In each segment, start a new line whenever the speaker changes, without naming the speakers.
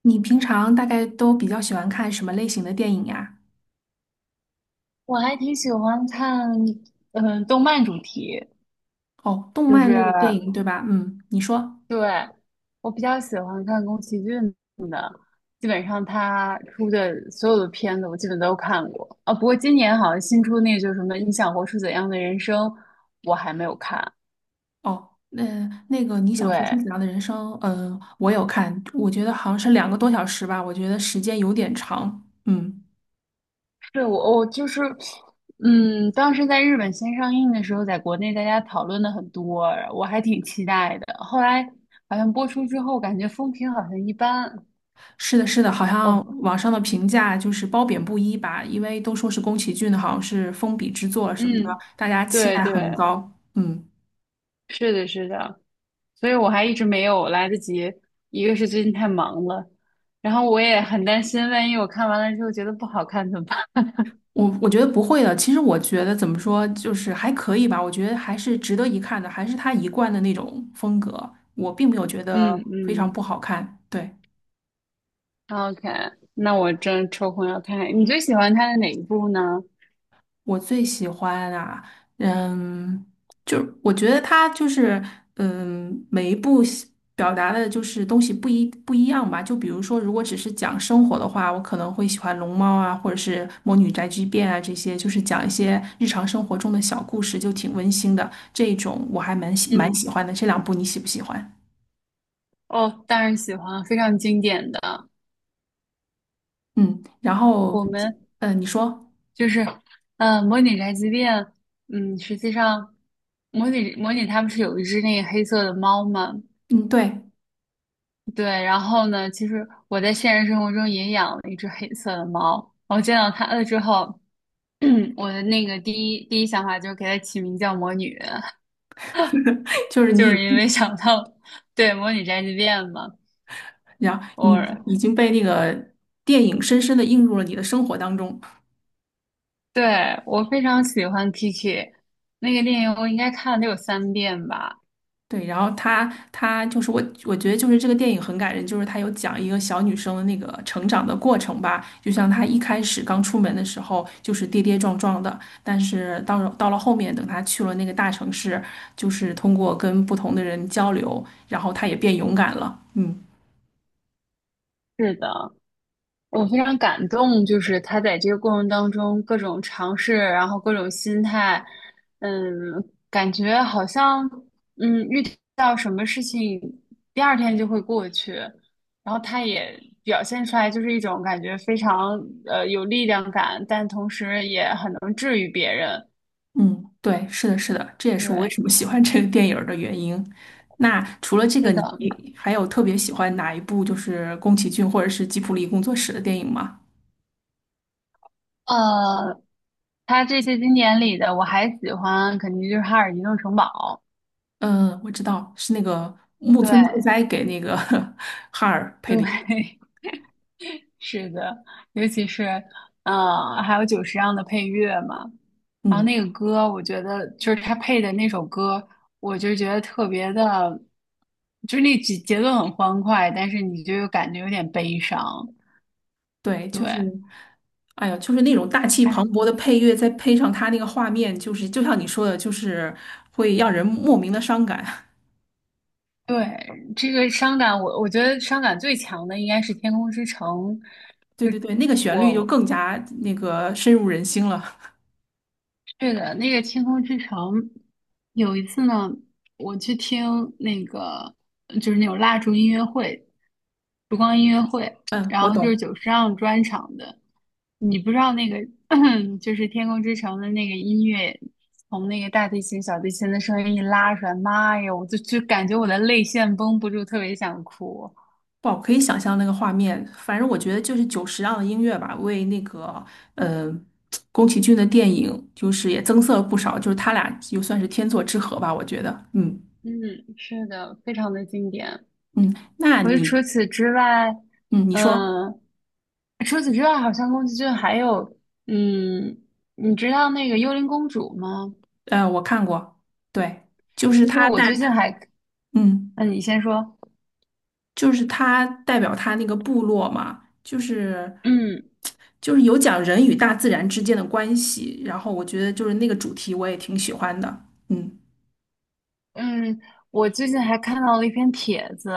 你平常大概都比较喜欢看什么类型的电影呀？
我还挺喜欢看，动漫主题，
哦，动
就
漫
是
类的电影，对吧？嗯，你说。
对，我比较喜欢看宫崎骏的，基本上他出的所有的片子我基本都看过啊。不过今年好像新出那个，就是什么《你想活出怎样的人生》，我还没有看。
哦，那个你想活出怎
对，
样的人生？嗯、我有看，我觉得好像是两个多小时吧，我觉得时间有点长。嗯，
对我就是，当时在日本先上映的时候，在国内大家讨论的很多，我还挺期待的。后来好像播出之后，感觉风评好像一般。
是的，是的，好像
我
网上的评价就是褒贬不一吧，因为都说是宫崎骏的，好像是封笔之作什么的，
嗯，
大家期
对
待
对，
很高。嗯。
是的，是的，所以我还一直没有来得及，一个是最近太忙了，然后我也很担心，万一我看完了之后觉得不好看怎么办？
我觉得不会的。其实我觉得怎么说，就是还可以吧。我觉得还是值得一看的，还是他一贯的那种风格。我并没有觉 得
嗯
非常
嗯
不好看。对。
，OK，那我真抽空要看。看，你最喜欢他的哪一部呢？
我最喜欢啊，嗯，就是我觉得他就是，每一部戏表达的就是东西不一样吧。就比如说，如果只是讲生活的话，我可能会喜欢《龙猫》啊，或者是《魔女宅急便》啊，这些就是讲一些日常生活中的小故事，就挺温馨的。这一种我还蛮喜蛮喜
嗯，
欢的。这两部你喜不喜欢？
哦，当然喜欢，非常经典的。
嗯，然后，
我们
嗯，你说，
就是，嗯，模拟宅急便，实际上模拟他不是有一只那个黑色的猫吗？
嗯，对，
对，然后呢，其实我在现实生活中也养了一只黑色的猫。我见到它了之后，我的那个第一想法就是给它起名叫魔女，
就是
就是
你。
因为想到对，魔女宅急便嘛。
然后你已
我
经被那个电影深深的映入了你的生活当中。
对，我非常喜欢 Kiki 那个电影，我应该看了得有三遍吧。
对，然后他就是我觉得就是这个电影很感人，就是他有讲一个小女生的那个成长的过程吧，就像她一开始刚出门的时候就是跌跌撞撞的，但是到了后面，等她去了那个大城市，就是通过跟不同的人交流，然后她也变勇敢了。嗯。
是的，我非常感动，就是他在这个过程当中各种尝试，然后各种心态，嗯，感觉好像遇到什么事情，第二天就会过去，然后他也表现出来就是一种感觉非常有力量感，但同时也很能治愈别人。
嗯，对，是的，是的，这也是我为
对，
什么喜欢这个电影儿的原因。那除了这个，
是的，
你还有特别喜欢哪一部就是宫崎骏或者是吉卜力工作室的电影吗？
呃，他这些经典里的我还喜欢，肯定就是《哈尔移动城堡》。
嗯，我知道是那个木村拓
对
哉给那个 哈尔配的音。
对。是的，尤其是，还有久石让的配乐嘛，然后
嗯，
那个歌，我觉得就是他配的那首歌，我就觉得特别的，就是那节节奏很欢快，但是你就又感觉有点悲伤。
对，就是，
对，
哎呀，就是那种大气
哎，
磅礴的配乐，再配上他那个画面，就是就像你说的，就是会让人莫名的伤感。
对，这个伤感我觉得伤感最强的应该是《天空之城》，
对
就
对对，那个旋律就
我
更加深入人心了。
对的，那个《天空之城》，有一次呢，我去听那个就是那种蜡烛音乐会、烛光音乐会，
嗯，
然
我
后就是
懂。
久石让专场的。你不知道那个 就是《天空之城》的那个音乐，从那个大提琴、小提琴的声音一拉出来，妈呀，我就感觉我的泪腺绷不住，特别想哭。
哇，可以想象那个画面。反正我觉得就是久石让的音乐吧，为那个嗯，宫崎骏的电影就是也增色了不少，就是他俩就算是天作之合吧，我觉得。嗯
嗯，是的，非常的经典。
嗯，那
我就除
你
此之外，
说，
嗯。除此之外，好像宫崎骏还有，嗯，你知道那个《幽灵公主》吗？
呃，我看过，对，就是
其实我最近还，
嗯
那你先说。
他代表他那个部落嘛，就是
嗯
就是有讲人与大自然之间的关系，然后我觉得就是那个主题我也挺喜欢的。嗯。
嗯，我最近还看到了一篇帖子，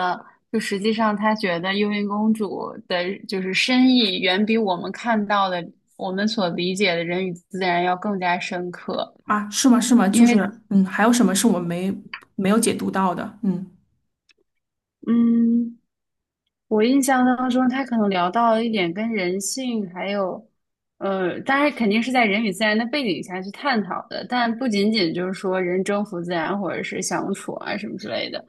就实际上他觉得《幽灵公主》的就是深意远比我们看到的、我们所理解的人与自然要更加深刻，
啊，是吗？是吗？就
因为，
是，还有什么是我们没有解读到的？嗯，
嗯。我印象当中，他可能聊到了一点跟人性，还有，当然肯定是在人与自然的背景下去探讨的，但不仅仅就是说人征服自然或者是相处啊什么之类的。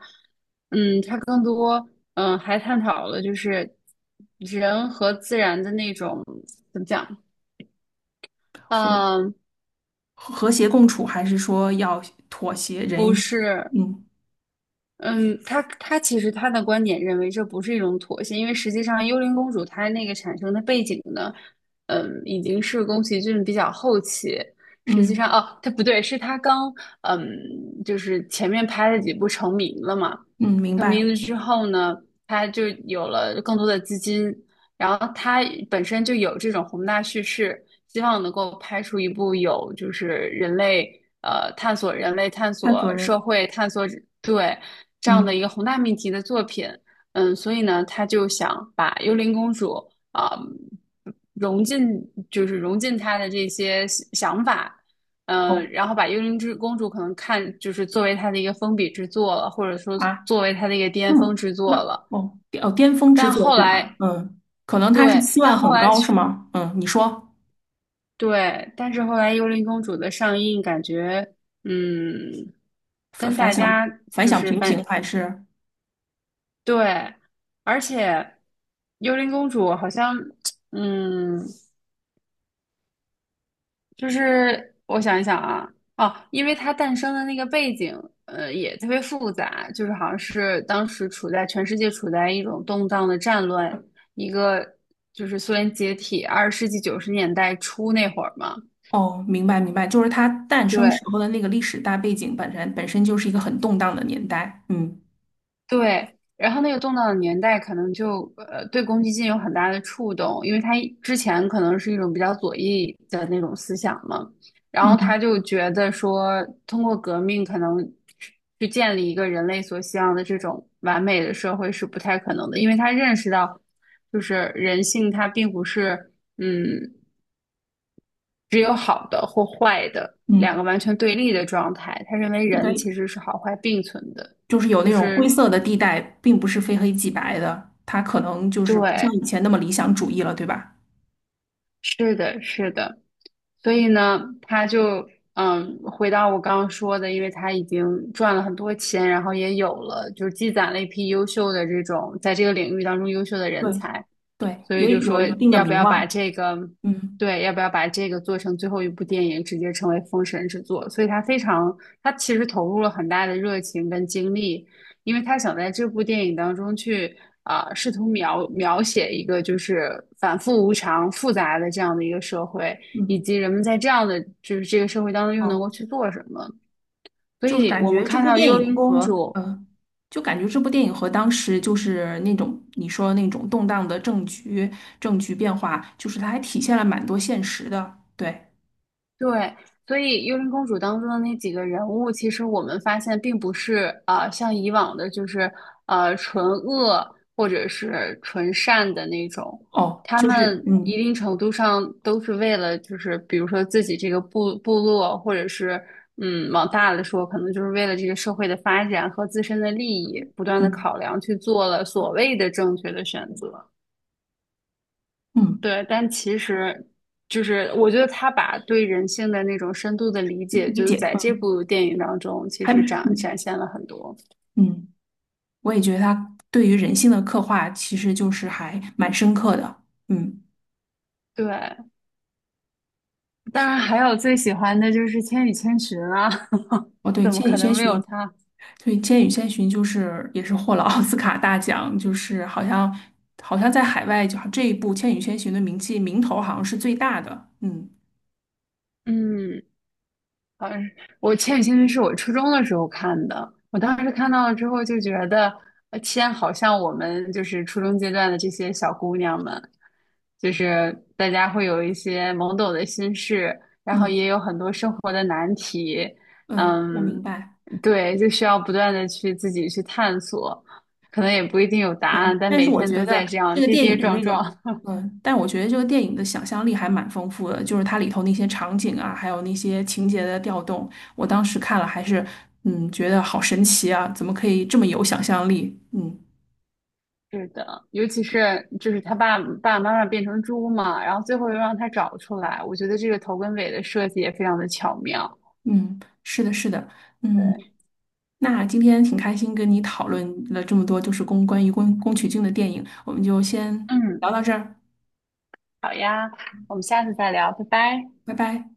他更多，还探讨了就是人和自然的那种怎么讲，
和
嗯、
和谐共处，还是说要妥协
不
人？
是，
嗯
嗯，他其实他的观点认为这不是一种妥协，因为实际上《幽灵公主》它那个产生的背景呢，已经是宫崎骏比较后期。实际上，
嗯
哦，他不对，是他刚嗯，就是前面拍了几部成名了嘛，
嗯，明
成
白。
名了之后呢，他就有了更多的资金，然后他本身就有这种宏大叙事，希望能够拍出一部有就是人类探索人类探
探索
索社
人，
会探索，对，这样的一
嗯
个宏大命题的作品，所以呢，他就想把幽灵公主啊、融进融进他的这些想法。
哦
然后把《幽灵之公主》可能看就是作为它的一个封笔之作了，或者说
啊，
作为它的一个巅
那
峰
么
之作
那
了。
哦哦，巅峰之
但
作
后
对吧？
来，
嗯，可能他是
对，
期
但
望
后
很
来
高是
去，
吗？嗯，你说
对，但是后来《幽灵公主》的上映，感觉嗯，
反
跟
反
大
响
家
反
就
响
是
平平
反
还是？
对，而且《幽灵公主》好像嗯，就是我想一想啊，哦，因为它诞生的那个背景，也特别复杂，就是好像是当时处在全世界处在一种动荡的战乱，一个就是苏联解体，20世纪90年代初那会儿嘛，
哦，明白明白，就是它诞生时
对，
候的那个历史大背景本身就是一个很动荡的年代。嗯
对，然后那个动荡的年代可能就对公积金有很大的触动，因为他一之前可能是一种比较左翼的那种思想嘛，然后他
嗯
就觉得说通过革命可能去建立一个人类所希望的这种完美的社会是不太可能的，因为他认识到就是人性它并不是嗯只有好的或坏的
嗯。
两个完全对立的状态，他认为
应
人
该
其实是好坏并存的，
就是有
就
那种灰
是
色的地带，并不是非黑即白的，它可能就是不像
对。
以前那么理想主义了，对吧？
是的，是的，所以呢，他就回到我刚刚说的，因为他已经赚了很多钱，然后也有了，就是积攒了一批优秀的这种在这个领域当中优秀的人
对
才，
对，
所以就
也有
说
了一定的
要不
名
要把
望。
这个，
嗯
对，要不要把这个做成最后一部电影，直接成为封神之作？所以他非常，他其实投入了很大的热情跟精力，因为他想在这部电影当中去试图描写一个就是反复无常、复杂的这样的一个社会，以
嗯，
及人们在这样的就是这个社会当中又能
哦，
够去做什么。所
就是
以
感
我们
觉这
看
部
到
电
幽灵
影
公
和
主，
呃，就感觉这部电影和当时就是那种你说那种动荡的政局变化，就是它还体现了蛮多现实的。对，
对，所以《幽灵公主》当中的那几个人物，其实我们发现并不是像以往的，就是纯恶或者是纯善的那种，
哦，
他
就是
们一
嗯
定程度上都是为了，就是比如说自己这个部落，或者是往大了说，可能就是为了这个社会的发展和自身的利益，不断的
嗯
考量去做了所谓的正确的选择。
嗯，
对，但其实就是我觉得他把对人性的那种深度的理解，
理
就是
解，
在这
嗯，
部电影当中，其
还
实展
嗯
展现了很多。
嗯。我也觉得他对于人性的刻画其实就是还蛮深刻的。嗯，
对，当然还有最喜欢的就是《千与千寻》啊，
哦对，
怎么
《千与
可
千
能没
寻》。
有他？
对，《千与千寻》就是也是获了 奥斯卡大奖，就是好像好像在海外就这一部《千与千寻》的名头好像是最大的。嗯
嗯。呃，我《千与千寻》是我初中的时候看的，我当时看到了之后就觉得，天，好像我们就是初中阶段的这些小姑娘们，就是大家会有一些懵懂的心事，然后也
嗯
有很多生活的难题，
嗯，我
嗯，
明白。
对，就需要不断的去自己去探索，可能也不一定有答
嗯，
案，但
但是
每
我
天
觉
都
得
在这
这
样
个
跌
电影
跌
的
撞
那个，
撞，
嗯，但我觉得这个电影的想象力还蛮丰富的，就是它里头那些场景啊，还有那些情节的调动，我当时看了还是，嗯，觉得好神奇啊，怎么可以这么有想象力？嗯
是的，尤其是就是他爸爸妈妈变成猪嘛，然后最后又让他找出来，我觉得这个头跟尾的设计也非常的巧妙。
嗯，是的，是的。
对，
那今天挺开心跟你讨论了这么多，就是关于宫崎骏的电影，我们就先聊
嗯，
到这儿，
好呀，我们下次再聊，拜拜。
拜拜。